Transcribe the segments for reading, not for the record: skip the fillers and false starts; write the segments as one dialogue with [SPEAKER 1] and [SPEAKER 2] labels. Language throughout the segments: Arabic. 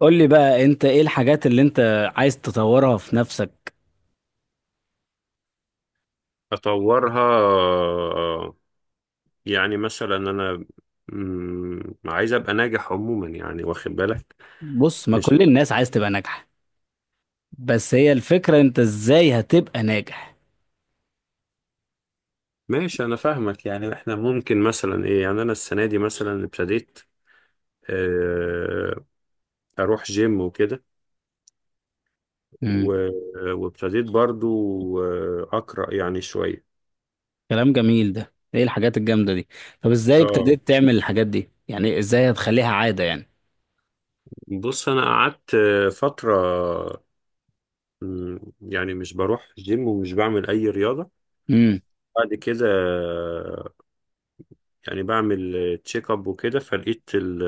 [SPEAKER 1] قول لي بقى انت ايه الحاجات اللي انت عايز تطورها في نفسك؟
[SPEAKER 2] اطورها يعني مثلا انا عايز ابقى ناجح عموما، يعني واخد بالك.
[SPEAKER 1] بص، ما
[SPEAKER 2] مش
[SPEAKER 1] كل الناس عايز تبقى ناجحة. بس هي الفكرة، انت ازاي هتبقى ناجح؟
[SPEAKER 2] ماشي، انا فاهمك. يعني احنا ممكن مثلا ايه، يعني انا السنه دي مثلا ابتديت آه، اروح جيم وكده،
[SPEAKER 1] امم.
[SPEAKER 2] و- وابتديت برضو اقرا يعني شويه.
[SPEAKER 1] كلام جميل. ده ايه الحاجات الجامدة دي؟ طب ازاي
[SPEAKER 2] اه،
[SPEAKER 1] ابتديت تعمل الحاجات دي؟ يعني ازاي هتخليها عادة يعني؟
[SPEAKER 2] بص، انا قعدت فتره يعني مش بروح جيم ومش بعمل اي رياضه.
[SPEAKER 1] امم.
[SPEAKER 2] بعد كده يعني بعمل تشيك اب وكده، فلقيت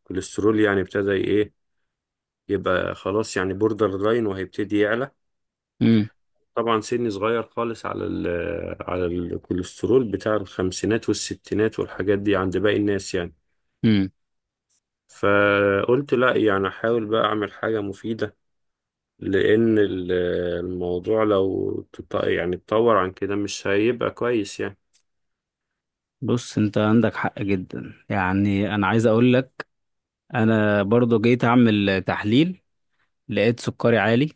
[SPEAKER 2] الكوليسترول يعني ابتدى ايه، يبقى خلاص يعني بوردر لاين وهيبتدي يعلى.
[SPEAKER 1] امم.
[SPEAKER 2] طبعا سني صغير خالص على ال على الكوليسترول بتاع الخمسينات والستينات والحاجات دي عند باقي الناس يعني.
[SPEAKER 1] امم.
[SPEAKER 2] فقلت لا، يعني احاول بقى اعمل حاجة مفيدة، لان الموضوع لو يعني اتطور عن كده مش هيبقى كويس يعني.
[SPEAKER 1] بص، انت عندك حق جدا، يعني انا عايز اقول لك. انا برضو جيت اعمل تحليل، لقيت سكري عالي.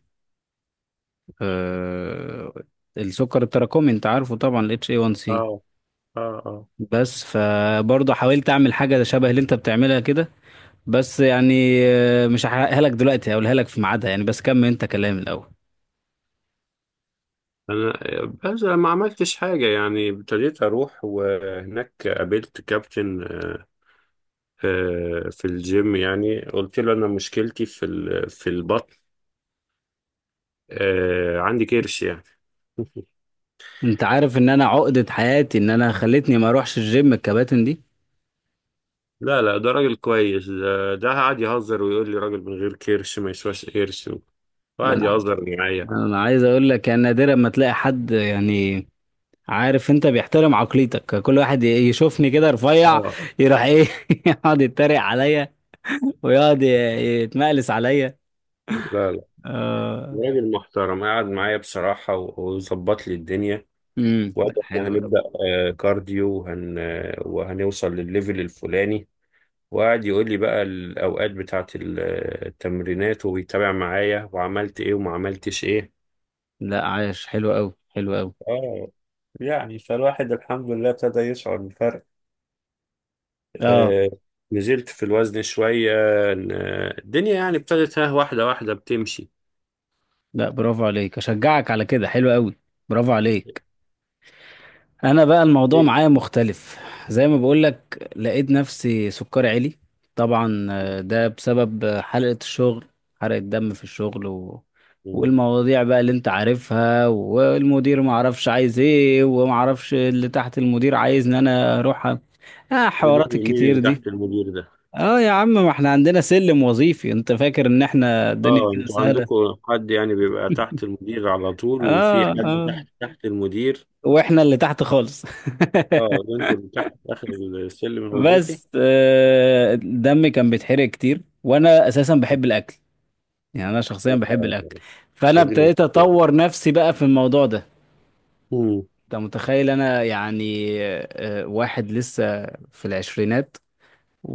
[SPEAKER 1] أه. السكر التراكمي انت عارفه طبعا، ال HA1C.
[SPEAKER 2] اه، اه، اه،
[SPEAKER 1] بس فبرضه حاولت اعمل حاجه شبه اللي انت بتعملها كده، بس يعني مش هحرقها لك دلوقتي، هقولها لك في ميعادها يعني. بس كمل انت كلام الاول.
[SPEAKER 2] انا بس ما عملتش حاجه، يعني ابتديت اروح، وهناك قابلت كابتن في الجيم. يعني قلت له انا مشكلتي في في البطن، عندي كرش يعني.
[SPEAKER 1] انت عارف ان انا عقده حياتي ان انا خلتني ما اروحش الجيم الكباتن دي.
[SPEAKER 2] لا لا، ده راجل كويس، ده ده قعد يهزر ويقول لي راجل من غير كرش ما يسواش قرش،
[SPEAKER 1] ده
[SPEAKER 2] وقعد
[SPEAKER 1] انا
[SPEAKER 2] يهزر معايا.
[SPEAKER 1] ده انا عايز اقول لك، يعني نادرا ما تلاقي حد، يعني عارف انت بيحترم عقليتك. كل واحد يشوفني كده رفيع
[SPEAKER 2] اه،
[SPEAKER 1] يروح ايه يقعد يتريق عليا، ويقعد يتمقلس عليا.
[SPEAKER 2] لا لا،
[SPEAKER 1] آه.
[SPEAKER 2] راجل محترم، قعد معايا بصراحة وظبط لي الدنيا.
[SPEAKER 1] امم،
[SPEAKER 2] وقال
[SPEAKER 1] لا،
[SPEAKER 2] احنا
[SPEAKER 1] حلو قوي.
[SPEAKER 2] هنبدأ كارديو، وهنوصل للليفل الفلاني. وقعد يقول لي بقى الأوقات بتاعة التمرينات، وبيتابع معايا وعملت إيه وما عملتش إيه.
[SPEAKER 1] لا، عايش حلو قوي، حلو قوي.
[SPEAKER 2] اه، يعني فالواحد الحمد لله ابتدى يشعر بالفرق.
[SPEAKER 1] اه.
[SPEAKER 2] آه نزلت في الوزن شوية. الدنيا يعني ابتدت ها، واحدة واحدة بتمشي.
[SPEAKER 1] لا، برافو عليك، اشجعك على كده، حلو قوي. برافو عليك. انا بقى الموضوع
[SPEAKER 2] إيه؟
[SPEAKER 1] معايا مختلف. زي ما بقولك، لقيت نفسي سكري عالي. طبعا ده بسبب حلقة الشغل. حرقة دم في الشغل والمواضيع بقى اللي انت عارفها، والمدير ما عرفش عايز ايه، وما عرفش اللي تحت المدير عايز ان انا اروح اه،
[SPEAKER 2] مين
[SPEAKER 1] حوارات
[SPEAKER 2] مين
[SPEAKER 1] الكتير
[SPEAKER 2] اللي
[SPEAKER 1] دي.
[SPEAKER 2] تحت المدير ده؟
[SPEAKER 1] اه يا عم، ما احنا عندنا سلم وظيفي. انت فاكر ان احنا الدنيا
[SPEAKER 2] اه،
[SPEAKER 1] كده
[SPEAKER 2] انتوا
[SPEAKER 1] سهلة؟
[SPEAKER 2] عندكم حد يعني بيبقى تحت المدير على طول، وفي
[SPEAKER 1] اه.
[SPEAKER 2] حد
[SPEAKER 1] اه.
[SPEAKER 2] تحت تحت المدير.
[SPEAKER 1] واحنا اللي تحت خالص.
[SPEAKER 2] اه، انتوا اللي تحت في آخر السلم الوظيفي.
[SPEAKER 1] بس دمي كان بيتحرق كتير، وانا اساسا بحب الاكل، يعني انا شخصيا بحب
[SPEAKER 2] آه.
[SPEAKER 1] الاكل. فانا
[SPEAKER 2] هذه
[SPEAKER 1] ابتديت
[SPEAKER 2] المشكلة.
[SPEAKER 1] اطور نفسي بقى في الموضوع ده.
[SPEAKER 2] مم.
[SPEAKER 1] انت متخيل انا يعني واحد لسه في العشرينات،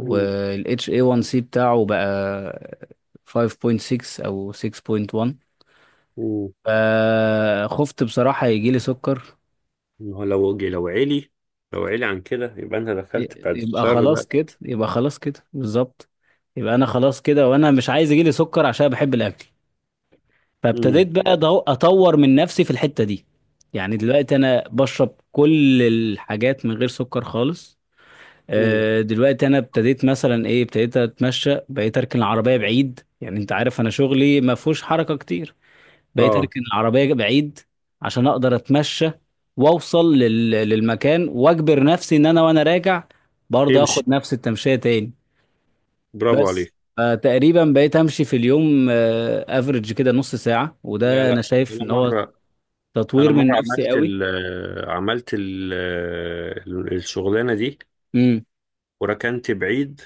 [SPEAKER 2] مم.
[SPEAKER 1] اي 1 سي بتاعه بقى 5.6 او 6.1.
[SPEAKER 2] مم.
[SPEAKER 1] فخفت بصراحة يجي لي سكر.
[SPEAKER 2] ما هو لو عالي، لو عالي عن كده يبقى انت دخلت بعد
[SPEAKER 1] يبقى
[SPEAKER 2] الشر
[SPEAKER 1] خلاص
[SPEAKER 2] بقى.
[SPEAKER 1] كده، يبقى خلاص كده بالظبط. يبقى انا خلاص كده، وانا مش عايز يجيلي سكر عشان بحب الاكل.
[SPEAKER 2] مم.
[SPEAKER 1] فابتديت بقى اطور من نفسي في الحتة دي. يعني دلوقتي انا بشرب كل الحاجات من غير سكر خالص.
[SPEAKER 2] مم.
[SPEAKER 1] دلوقتي انا ابتديت، مثلا ايه، ابتديت اتمشى، بقيت اركن العربية بعيد. يعني انت عارف انا شغلي ما فيهوش حركة كتير. بقيت
[SPEAKER 2] اه،
[SPEAKER 1] اركن العربيه بعيد عشان اقدر اتمشى واوصل للمكان، واجبر نفسي ان انا وانا راجع برضه
[SPEAKER 2] امشي،
[SPEAKER 1] اخد نفس التمشيه تاني.
[SPEAKER 2] برافو
[SPEAKER 1] بس
[SPEAKER 2] عليك.
[SPEAKER 1] تقريبا بقيت امشي في اليوم افريج كده نص ساعه،
[SPEAKER 2] لا
[SPEAKER 1] وده انا
[SPEAKER 2] لا،
[SPEAKER 1] شايف
[SPEAKER 2] انا
[SPEAKER 1] ان هو
[SPEAKER 2] مره،
[SPEAKER 1] تطوير من نفسي
[SPEAKER 2] عملت
[SPEAKER 1] قوي.
[SPEAKER 2] ال عملت ال الشغلانه دي،
[SPEAKER 1] امم.
[SPEAKER 2] وركنت بعيد.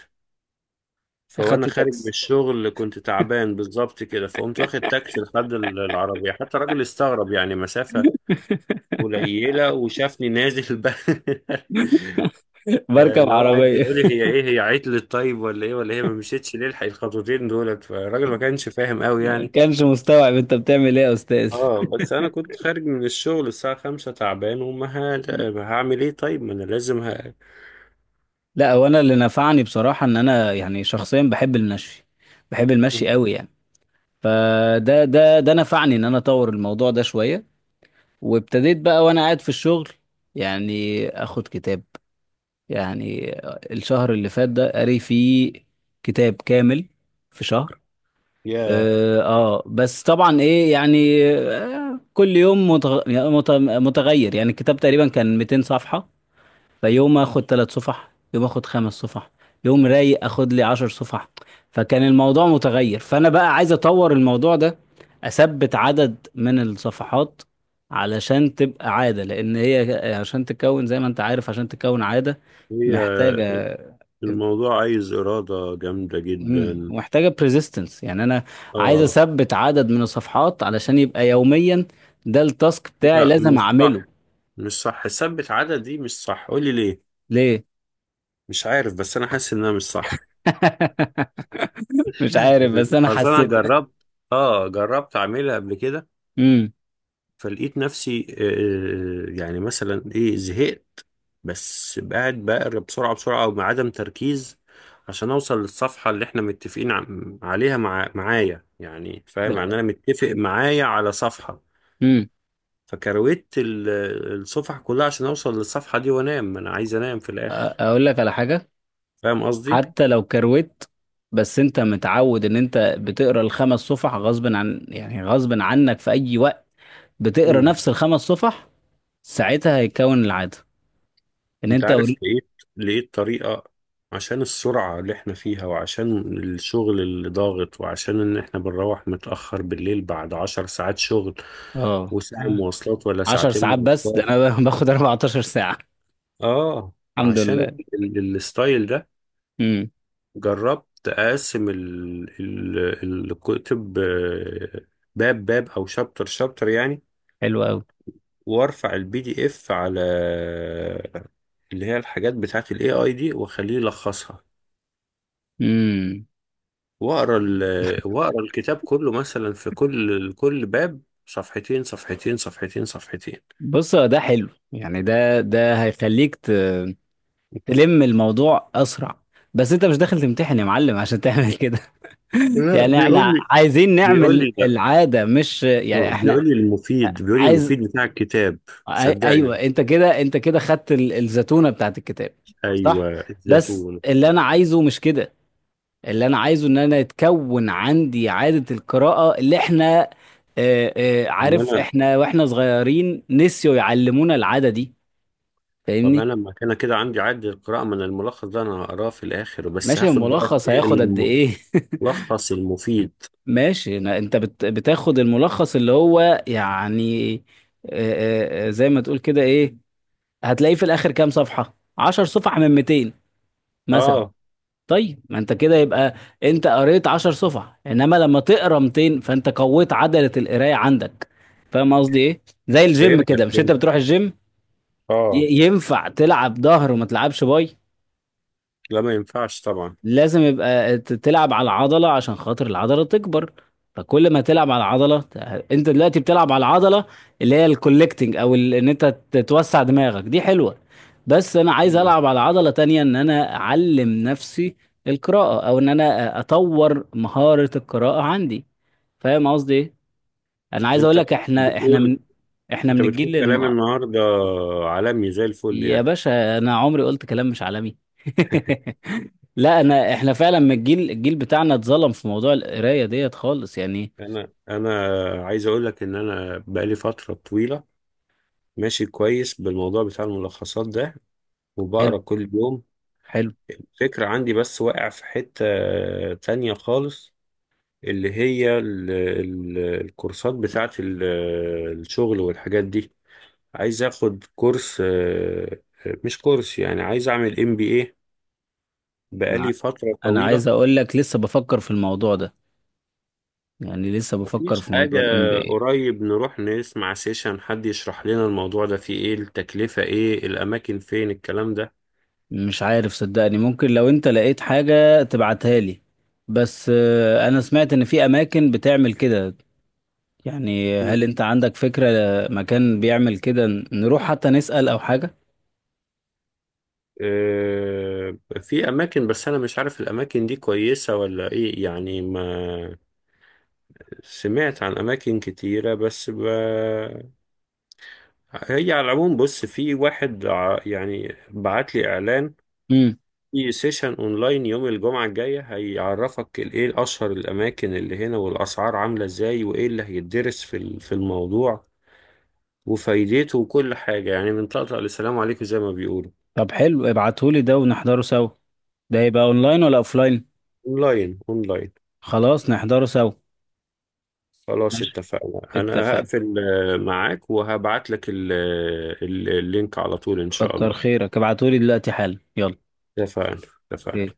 [SPEAKER 2] فوانا
[SPEAKER 1] اخدت
[SPEAKER 2] خارج من
[SPEAKER 1] تاكسي
[SPEAKER 2] الشغل كنت تعبان بالظبط كده، فقمت واخد تاكسي لحد العربيه، حتى الراجل استغرب، يعني مسافه قليله وشافني نازل بقى.
[SPEAKER 1] بركب
[SPEAKER 2] فاللي هو قاعد
[SPEAKER 1] عربيه
[SPEAKER 2] يقول لي هي ايه، هي عطلت طيب ولا ايه، ولا هي ما مشيتش ليه، الحق الخطوتين دولت. فالراجل ما كانش فاهم قوي
[SPEAKER 1] ما
[SPEAKER 2] يعني.
[SPEAKER 1] كانش مستوعب انت بتعمل ايه يا استاذ.
[SPEAKER 2] اه، بس انا كنت خارج من الشغل الساعة 5 تعبان، وما هعمل ايه طيب، ما انا لازم
[SPEAKER 1] لا، هو انا اللي نفعني بصراحه ان انا يعني شخصيا بحب المشي، بحب المشي
[SPEAKER 2] مم.
[SPEAKER 1] قوي يعني. فده ده ده نفعني ان انا اطور الموضوع ده شويه، وابتديت بقى وانا قاعد في الشغل يعني اخد كتاب. يعني الشهر اللي فات ده قاري فيه كتاب كامل في شهر.
[SPEAKER 2] يا
[SPEAKER 1] اه. بس طبعا ايه يعني كل يوم متغير. يعني الكتاب تقريبا كان 200 صفحه. فيوم اخد 3 صفح، يوم اخد 5 صفح، يوم رايق اخد لي 10 صفح. فكان الموضوع متغير. فانا بقى عايز اطور الموضوع ده، اثبت عدد من الصفحات علشان تبقى عادة. لان هي، عشان تكون زي ما انت عارف، عشان تكون عادة
[SPEAKER 2] هي
[SPEAKER 1] محتاجة.
[SPEAKER 2] الموضوع عايز إرادة جامدة
[SPEAKER 1] امم،
[SPEAKER 2] جدا.
[SPEAKER 1] محتاجة بريزيستنس، يعني انا عايز
[SPEAKER 2] اه،
[SPEAKER 1] اثبت عدد من الصفحات علشان يبقى يوميا ده التاسك بتاعي
[SPEAKER 2] لا
[SPEAKER 1] لازم
[SPEAKER 2] مش صح،
[SPEAKER 1] اعمله.
[SPEAKER 2] مش صح، ثبت عدد دي مش صح، قولي ليه.
[SPEAKER 1] ليه؟
[SPEAKER 2] مش عارف بس انا حاسس انها مش صح.
[SPEAKER 1] مش عارف، بس انا
[SPEAKER 2] اصل انا
[SPEAKER 1] حسيت.
[SPEAKER 2] جربت، اه جربت اعملها قبل كده،
[SPEAKER 1] امم.
[SPEAKER 2] فلقيت نفسي يعني مثلا ايه زهقت، بس قاعد بقرا بسرعة بسرعة او بعدم تركيز، عشان اوصل للصفحة اللي احنا متفقين عليها معايا يعني. فاهم؟ يعني
[SPEAKER 1] لا.
[SPEAKER 2] انا متفق معايا على صفحة،
[SPEAKER 1] امم.
[SPEAKER 2] فكرويت الصفحة كلها عشان اوصل للصفحة دي وانام، انا عايز انام في
[SPEAKER 1] أ-
[SPEAKER 2] الاخر.
[SPEAKER 1] اقول لك على حاجه.
[SPEAKER 2] فاهم قصدي؟
[SPEAKER 1] حتى لو كروت، بس انت متعود ان انت بتقرا الخمس صفح غصب عن، يعني غصب عنك في اي وقت بتقرا نفس الخمس صفح. ساعتها هيتكون العاده ان
[SPEAKER 2] انت
[SPEAKER 1] انت
[SPEAKER 2] عارف، لقيت طريقة. عشان السرعة اللي احنا فيها، وعشان الشغل اللي ضاغط، وعشان ان احنا بنروح متأخر بالليل بعد 10 ساعات شغل،
[SPEAKER 1] اه.
[SPEAKER 2] وساعة
[SPEAKER 1] آه.
[SPEAKER 2] مواصلات ولا
[SPEAKER 1] 10
[SPEAKER 2] ساعتين
[SPEAKER 1] ساعات، بس ده
[SPEAKER 2] مواصلات.
[SPEAKER 1] انا باخد 14 ساعه.
[SPEAKER 2] اه،
[SPEAKER 1] الحمد
[SPEAKER 2] عشان
[SPEAKER 1] لله.
[SPEAKER 2] الستايل ده،
[SPEAKER 1] امم.
[SPEAKER 2] جربت اقسم الكتب باب باب او شابتر شابتر يعني،
[SPEAKER 1] حلو قوي.
[SPEAKER 2] وارفع البي دي اف على اللي هي الحاجات بتاعت الاي اي دي واخليه يلخصها،
[SPEAKER 1] امم.
[SPEAKER 2] واقرا واقرا الكتاب كله مثلا، في كل باب صفحتين صفحتين صفحتين صفحتين.
[SPEAKER 1] بص، هو ده حلو يعني، ده ده هيخليك تلم الموضوع اسرع. بس انت مش داخل تمتحن يا معلم عشان تعمل كده.
[SPEAKER 2] لا،
[SPEAKER 1] يعني احنا
[SPEAKER 2] بيقول لي
[SPEAKER 1] عايزين
[SPEAKER 2] بيقول
[SPEAKER 1] نعمل
[SPEAKER 2] لي لا،
[SPEAKER 1] العادة، مش يعني احنا
[SPEAKER 2] بيقول لي المفيد،
[SPEAKER 1] عايز
[SPEAKER 2] بتاع الكتاب،
[SPEAKER 1] أي- ايوه.
[SPEAKER 2] صدقني.
[SPEAKER 1] انت كده، انت كده خدت الزتونة بتاعت الكتاب. صح.
[SPEAKER 2] ايوه
[SPEAKER 1] بس
[SPEAKER 2] الزيتون.
[SPEAKER 1] اللي انا عايزه مش كده. اللي انا عايزه ان انا يتكون عندي عادة القراءة، اللي احنا
[SPEAKER 2] ان
[SPEAKER 1] عارف
[SPEAKER 2] انا
[SPEAKER 1] احنا واحنا صغيرين نسيوا يعلمونا العادة دي.
[SPEAKER 2] طب
[SPEAKER 1] فاهمني؟
[SPEAKER 2] انا لما كان كده عندي عد القراءه، من الملخص ده انا هقراه في الاخر، بس
[SPEAKER 1] ماشي
[SPEAKER 2] هاخد بقى
[SPEAKER 1] الملخص
[SPEAKER 2] ايه،
[SPEAKER 1] هياخد قد ايه؟
[SPEAKER 2] الملخص المفيد.
[SPEAKER 1] ماشي انت بتاخد الملخص اللي هو يعني زي ما تقول كده إيه؟ هتلاقيه في الاخر كام صفحة، 10 صفح من 200 مثلا.
[SPEAKER 2] اه،
[SPEAKER 1] طيب ما انت كده يبقى انت قريت 10 صفح، انما لما تقرا 200 فانت قويت عضلة القراية عندك. فاهم قصدي ايه؟ زي الجيم
[SPEAKER 2] فهمتك،
[SPEAKER 1] كده. مش انت
[SPEAKER 2] فهمت.
[SPEAKER 1] بتروح الجيم
[SPEAKER 2] اه،
[SPEAKER 1] ي- ينفع تلعب ظهر وما تلعبش باي؟
[SPEAKER 2] لا ما ينفعش طبعا.
[SPEAKER 1] لازم يبقى تلعب على العضلة عشان خاطر العضلة تكبر. فكل ما تلعب على العضلة انت دلوقتي بتلعب على العضلة، اللي هي الكولكتنج، او ان انت توسع دماغك، دي حلوة. بس انا عايز
[SPEAKER 2] مم.
[SPEAKER 1] العب على عضلة تانية، ان انا اعلم نفسي القراءة، او ان انا اطور مهارة القراءة عندي. فاهم قصدي ايه؟ انا عايز اقول
[SPEAKER 2] انت
[SPEAKER 1] لك
[SPEAKER 2] بتقول
[SPEAKER 1] احنا
[SPEAKER 2] انت
[SPEAKER 1] من
[SPEAKER 2] بتقول
[SPEAKER 1] الجيل
[SPEAKER 2] كلام النهارده عالمي زي الفل
[SPEAKER 1] يا
[SPEAKER 2] يعني.
[SPEAKER 1] باشا انا عمري قلت كلام مش عالمي. لا، احنا فعلا من الجيل بتاعنا اتظلم في موضوع القرايه ديت خالص يعني.
[SPEAKER 2] انا عايز اقول لك ان انا بقالي فتره طويله ماشي كويس بالموضوع بتاع الملخصات ده، وبقرا
[SPEAKER 1] حلو.
[SPEAKER 2] كل يوم.
[SPEAKER 1] حلو.
[SPEAKER 2] الفكره عندي بس واقع في حته تانية خالص، اللي هي ال ال الكورسات بتاعه الشغل والحاجات دي. عايز اخد كورس مش كورس، يعني عايز اعمل ام بي اي
[SPEAKER 1] انا
[SPEAKER 2] بقالي فتره
[SPEAKER 1] أنا
[SPEAKER 2] طويله،
[SPEAKER 1] عايز اقول لك لسه بفكر في الموضوع ده، يعني لسه بفكر
[SPEAKER 2] مفيش
[SPEAKER 1] في
[SPEAKER 2] حاجة.
[SPEAKER 1] موضوع الام بي اي.
[SPEAKER 2] قريب نروح نسمع سيشن حد يشرح لنا الموضوع ده، فيه ايه التكلفة، ايه الأماكن، فين الكلام ده.
[SPEAKER 1] مش عارف صدقني، ممكن لو انت لقيت حاجه تبعتها لي. بس انا سمعت ان في اماكن بتعمل كده. يعني
[SPEAKER 2] مم.
[SPEAKER 1] هل انت عندك فكره مكان بيعمل كده نروح حتى نسال او حاجه؟
[SPEAKER 2] آه، في أماكن، بس أنا مش عارف الأماكن دي كويسة ولا إيه يعني. ما سمعت عن أماكن كتيرة بس ب... هي على العموم بص، في واحد يعني بعت لي إعلان
[SPEAKER 1] امم.
[SPEAKER 2] في سيشن اونلاين يوم الجمعة الجاية، هيعرفك ايه اشهر الاماكن اللي هنا، والاسعار عاملة ازاي، وايه اللي هيتدرس في في الموضوع وفايدته، وكل حاجة يعني، من طقطق لسلام عليكم زي ما بيقولوا.
[SPEAKER 1] طب حلو، ابعتهولي ده ونحضره سوا. ده يبقى اونلاين ولا اوفلاين؟
[SPEAKER 2] اونلاين اونلاين.
[SPEAKER 1] خلاص نحضره سوا.
[SPEAKER 2] خلاص اتفقنا، انا
[SPEAKER 1] اتفق.
[SPEAKER 2] هقفل معاك، وهبعت لك اللينك على طول ان شاء
[SPEAKER 1] كتر
[SPEAKER 2] الله.
[SPEAKER 1] خيرك ابعتولي دلوقتي حالا يلا.
[SPEAKER 2] اتفقنا،
[SPEAKER 1] اوكي.
[SPEAKER 2] اتفقنا.